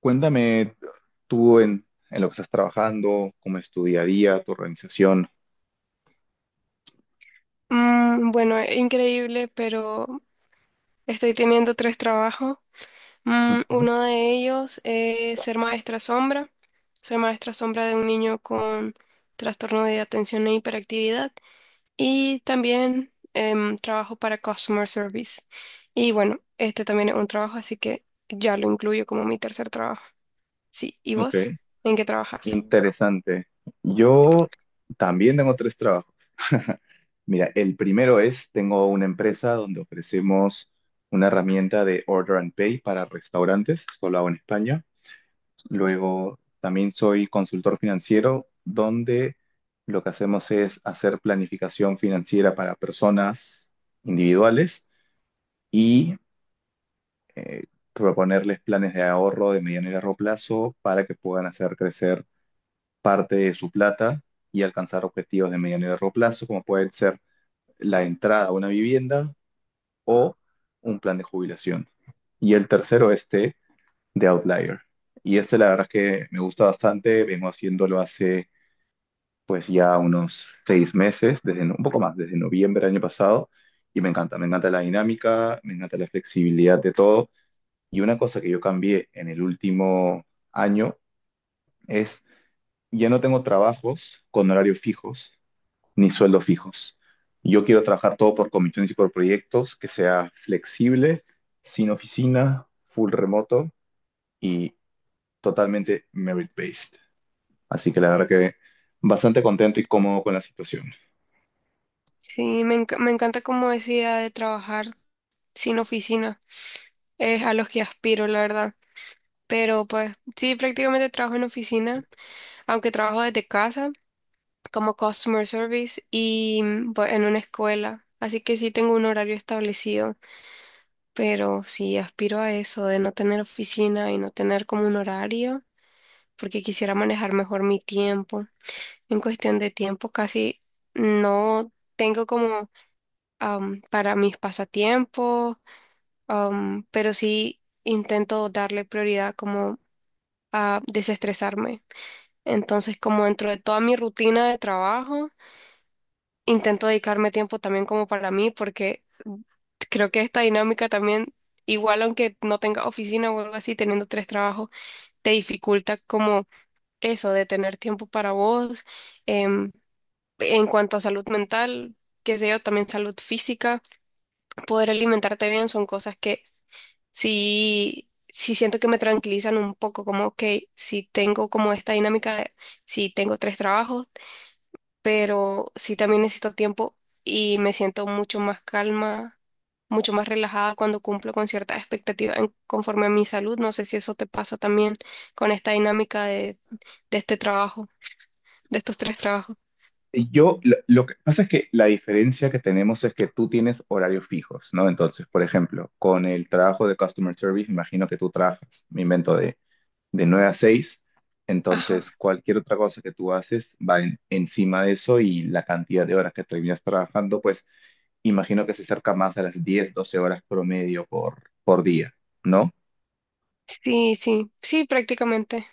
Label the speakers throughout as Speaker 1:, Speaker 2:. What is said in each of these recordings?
Speaker 1: Cuéntame tú en, en lo que estás trabajando, cómo es tu día a día, tu organización.
Speaker 2: Bueno, increíble, pero estoy teniendo tres trabajos.
Speaker 1: Ujú.
Speaker 2: Uno de ellos es ser maestra sombra. Soy maestra sombra de un niño con trastorno de atención e hiperactividad. Y también trabajo para customer service. Y bueno, este también es un trabajo, así que ya lo incluyo como mi tercer trabajo. Sí, ¿y
Speaker 1: Ok,
Speaker 2: vos? ¿En qué trabajas?
Speaker 1: interesante. Yo también tengo tres trabajos. Mira, el primero es, tengo una empresa donde ofrecemos una herramienta de Order and Pay para restaurantes, esto lo hago en España. Luego, también soy consultor financiero, donde lo que hacemos es hacer planificación financiera para personas individuales y eh, proponerles planes de ahorro de mediano y largo plazo para que puedan hacer crecer parte de su plata y alcanzar objetivos de mediano y largo plazo, como pueden ser la entrada a una vivienda o un plan de jubilación. Y el tercero, este de Outlier. Y este la verdad es que me gusta bastante, vengo haciéndolo hace pues ya unos 6 meses, desde, un poco más, desde noviembre del año pasado, y me encanta la dinámica, me encanta la flexibilidad de todo. Y una cosa que yo cambié en el último año es, ya no tengo trabajos con horarios fijos ni sueldos fijos. Yo quiero trabajar todo por comisiones y por proyectos, que sea flexible, sin oficina, full remoto y totalmente merit-based. Así que la verdad que bastante contento y cómodo con la situación.
Speaker 2: Sí, me encanta como esa idea de trabajar sin oficina. Es a los que aspiro, la verdad. Pero pues sí, prácticamente trabajo en oficina, aunque trabajo desde casa como customer service y pues, en una escuela. Así que sí tengo un horario establecido, pero sí aspiro a eso de no tener oficina y no tener como un horario, porque quisiera manejar mejor mi tiempo. En cuestión de tiempo casi no tengo como para mis pasatiempos, pero sí intento darle prioridad como a desestresarme. Entonces, como dentro de toda mi rutina de trabajo, intento dedicarme tiempo también como para mí, porque creo que esta dinámica también, igual aunque no tenga oficina o algo así, teniendo tres trabajos, te dificulta como eso de tener tiempo para vos. em, en cuanto a salud mental, qué sé yo, también salud física, poder alimentarte bien son cosas que sí, sí siento que me tranquilizan un poco, como, ok, si tengo como esta dinámica de, si tengo tres trabajos, pero sí también necesito tiempo, y me siento mucho más calma, mucho más relajada cuando cumplo con ciertas expectativas conforme a mi salud. No sé si eso te pasa también con esta dinámica de este trabajo, de estos tres trabajos.
Speaker 1: Yo, lo que pasa es que la diferencia que tenemos es que tú tienes horarios fijos, ¿no? Entonces, por ejemplo, con el trabajo de Customer Service, me imagino que tú trabajas, me invento, de 9 a 6.
Speaker 2: Ajá.
Speaker 1: Entonces, cualquier otra cosa que tú haces va encima de eso y la cantidad de horas que terminas trabajando, pues imagino que se acerca más a las 10 12 horas promedio por día, ¿no?
Speaker 2: Sí, sí, sí, prácticamente.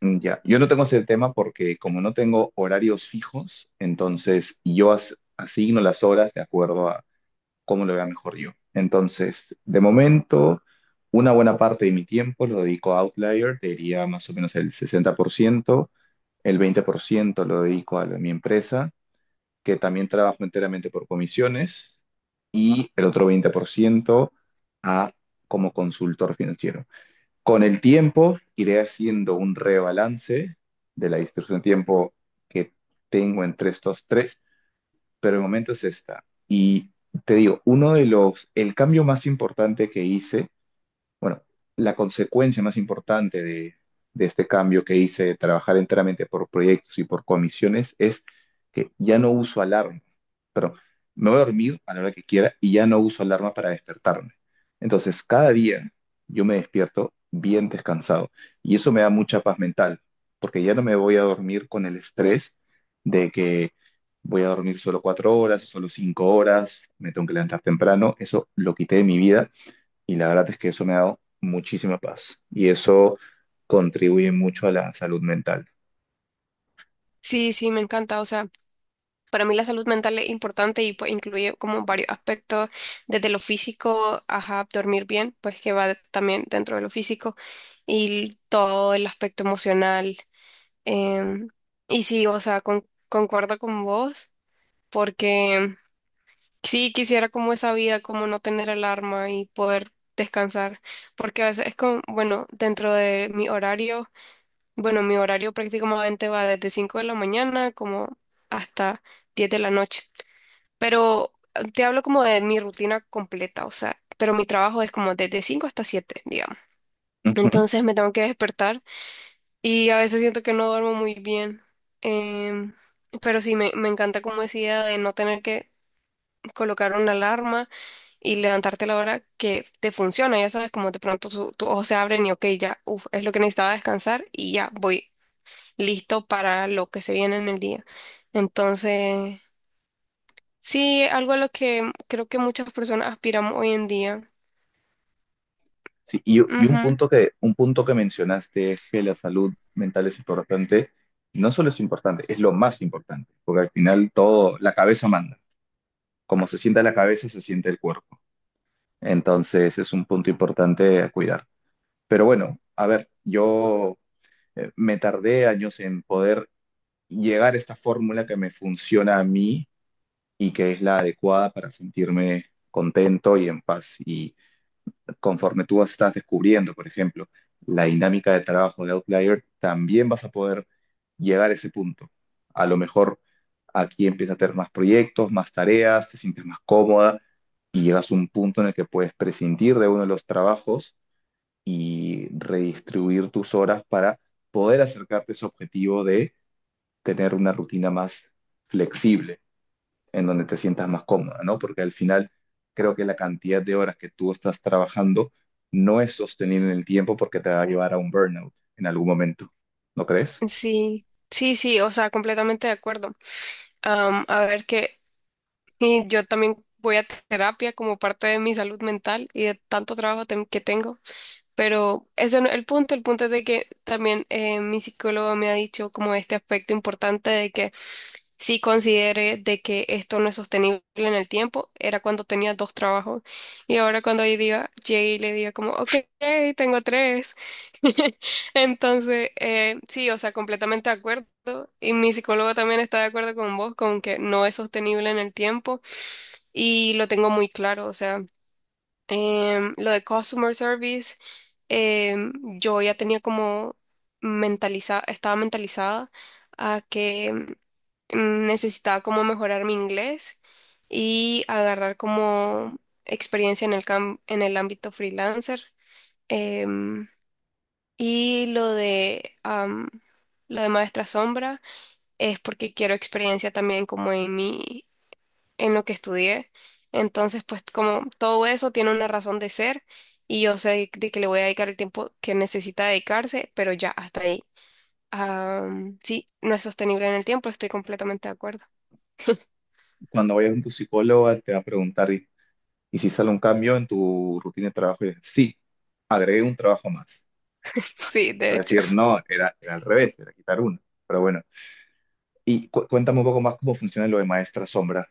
Speaker 1: Ya, yo no tengo ese tema porque como no tengo horarios fijos, entonces yo asigno las horas de acuerdo a cómo lo vea mejor yo. Entonces, de momento, una buena parte de mi tiempo lo dedico a Outlier, te diría más o menos el 60%. El 20% lo dedico a mi empresa, que también trabajo enteramente por comisiones, y el otro 20% a como consultor financiero. Con el tiempo iré haciendo un rebalance de la distribución de tiempo que tengo entre estos tres, pero el momento es esta. Y te digo, uno de los, el cambio más importante que hice, bueno, la consecuencia más importante de este cambio que hice de trabajar enteramente por proyectos y por comisiones es que ya no uso alarma, pero me voy a dormir a la hora que quiera y ya no uso alarma para despertarme. Entonces, cada día yo me despierto bien descansado y eso me da mucha paz mental, porque ya no me voy a dormir con el estrés de que voy a dormir solo 4 horas, solo 5 horas, me tengo que levantar temprano. Eso lo quité de mi vida y la verdad es que eso me ha dado muchísima paz y eso contribuye mucho a la salud mental.
Speaker 2: Sí, sí, me encanta. O sea, para mí la salud mental es importante y pues incluye como varios aspectos, desde lo físico, ajá, dormir bien, pues que va también dentro de lo físico, y todo el aspecto emocional. Em, y sí, o sea, concuerdo con vos, porque sí quisiera como esa vida, como no tener alarma y poder descansar, porque a veces es como, bueno, dentro de mi horario, bueno, mi horario prácticamente va desde 5 de la mañana como hasta 10 de la noche, pero te hablo como de mi rutina completa, o sea, pero mi trabajo es como desde 5 hasta siete, digamos.
Speaker 1: Ujú.
Speaker 2: Entonces me tengo que despertar. Y a veces siento que no duermo muy bien. Em, pero sí, me encanta como decía de no tener que colocar una alarma y levantarte a la hora que te funciona. Ya sabes, como de pronto tus ojos se abren y ok, ya, uf, es lo que necesitaba descansar y ya voy listo para lo que se viene en el día. Entonces, sí, algo a lo que creo que muchas personas aspiramos hoy en día.
Speaker 1: Sí, y un
Speaker 2: Ujú.
Speaker 1: punto un punto que mencionaste es que la salud mental es importante. No solo es importante, es lo más importante, porque al final todo, la cabeza manda. Como se sienta la cabeza, se siente el cuerpo. Entonces es un punto importante a cuidar. Pero bueno, a ver, yo me tardé años en poder llegar a esta fórmula que me funciona a mí y que es la adecuada para sentirme contento y en paz. Y conforme tú estás descubriendo, por ejemplo, la dinámica de trabajo de Outlier, también vas a poder llegar a ese punto. A lo mejor aquí empiezas a tener más proyectos, más tareas, te sientes más cómoda y llegas a un punto en el que puedes prescindir de uno de los trabajos y redistribuir tus horas para poder acercarte a ese objetivo de tener una rutina más flexible en donde te sientas más cómoda, ¿no? Porque al final creo que la cantidad de horas que tú estás trabajando no es sostenible en el tiempo porque te va a llevar a un burnout en algún momento, ¿no crees?
Speaker 2: Sí, sí, sí, o sea, completamente de acuerdo. A ver qué. Y yo también voy a terapia como parte de mi salud mental y de tanto trabajo que tengo. Pero ese no es el punto. El punto es de que también mi psicólogo me ha dicho como este aspecto importante de que sí considere de que esto no es sostenible en el tiempo. Era cuando tenía dos trabajos. Y ahora cuando hoy día llegue y le diga como, ok, tengo tres. Entonces, sí, o sea, completamente de acuerdo. Y mi psicólogo también está de acuerdo con vos, con que no es sostenible en el tiempo. Y lo tengo muy claro, o sea, lo de customer service, em, yo ya tenía como mentalizada, estaba mentalizada a que necesitaba como mejorar mi inglés y agarrar como experiencia en el ámbito freelancer. em, y lo de Maestra Sombra es porque quiero experiencia también como en mi, en lo que estudié. Entonces, pues como todo eso tiene una razón de ser y yo sé de que le voy a dedicar el tiempo que necesita dedicarse, pero ya hasta ahí. Sí, no es sostenible en el tiempo, estoy completamente de acuerdo.
Speaker 1: Cuando vayas con tu psicóloga te va a preguntar, y si sale un cambio en tu rutina de trabajo? Y dices, sí, agregué un trabajo más.
Speaker 2: Sí,
Speaker 1: Te
Speaker 2: de
Speaker 1: va a
Speaker 2: hecho.
Speaker 1: decir, no, era al revés, era quitar uno. Pero bueno, y cuéntame un poco más cómo funciona lo de maestra sombra.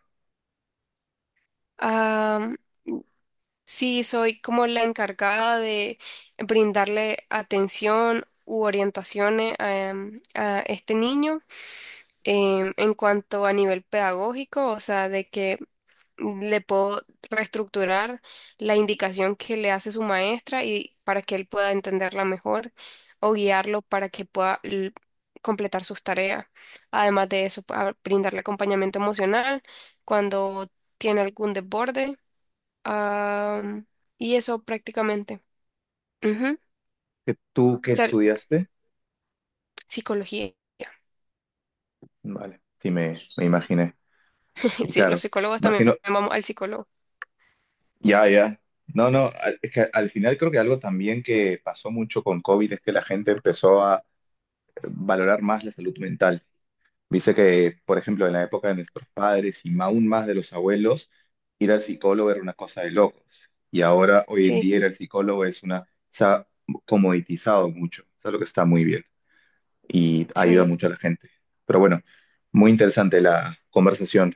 Speaker 2: Sí, soy como la encargada de brindarle atención u orientaciones a este niño en cuanto a nivel pedagógico, o sea, de que le puedo reestructurar la indicación que le hace su maestra y para que él pueda entenderla mejor o guiarlo para que pueda completar sus tareas. Además de eso, brindarle acompañamiento emocional cuando tiene algún desborde. Am, y eso prácticamente. Ujú. O
Speaker 1: ¿Que ¿Tú qué
Speaker 2: sea,
Speaker 1: estudiaste?
Speaker 2: psicología.
Speaker 1: Vale, sí me imaginé. Y
Speaker 2: Sí, los
Speaker 1: claro,
Speaker 2: psicólogos también
Speaker 1: imagino.
Speaker 2: vamos al psicólogo.
Speaker 1: Ya, ya. No, no, es que al final creo que algo también que pasó mucho con COVID es que la gente empezó a valorar más la salud mental. Dice que, por ejemplo, en la época de nuestros padres y aún más de los abuelos, ir al psicólogo era una cosa de locos. Y ahora, hoy en
Speaker 2: Sí,
Speaker 1: día, ir al psicólogo es una... Se ha comoditizado mucho. Eso es lo que está muy bien y ayuda
Speaker 2: sí.
Speaker 1: mucho a la gente. Pero bueno, muy interesante la conversación.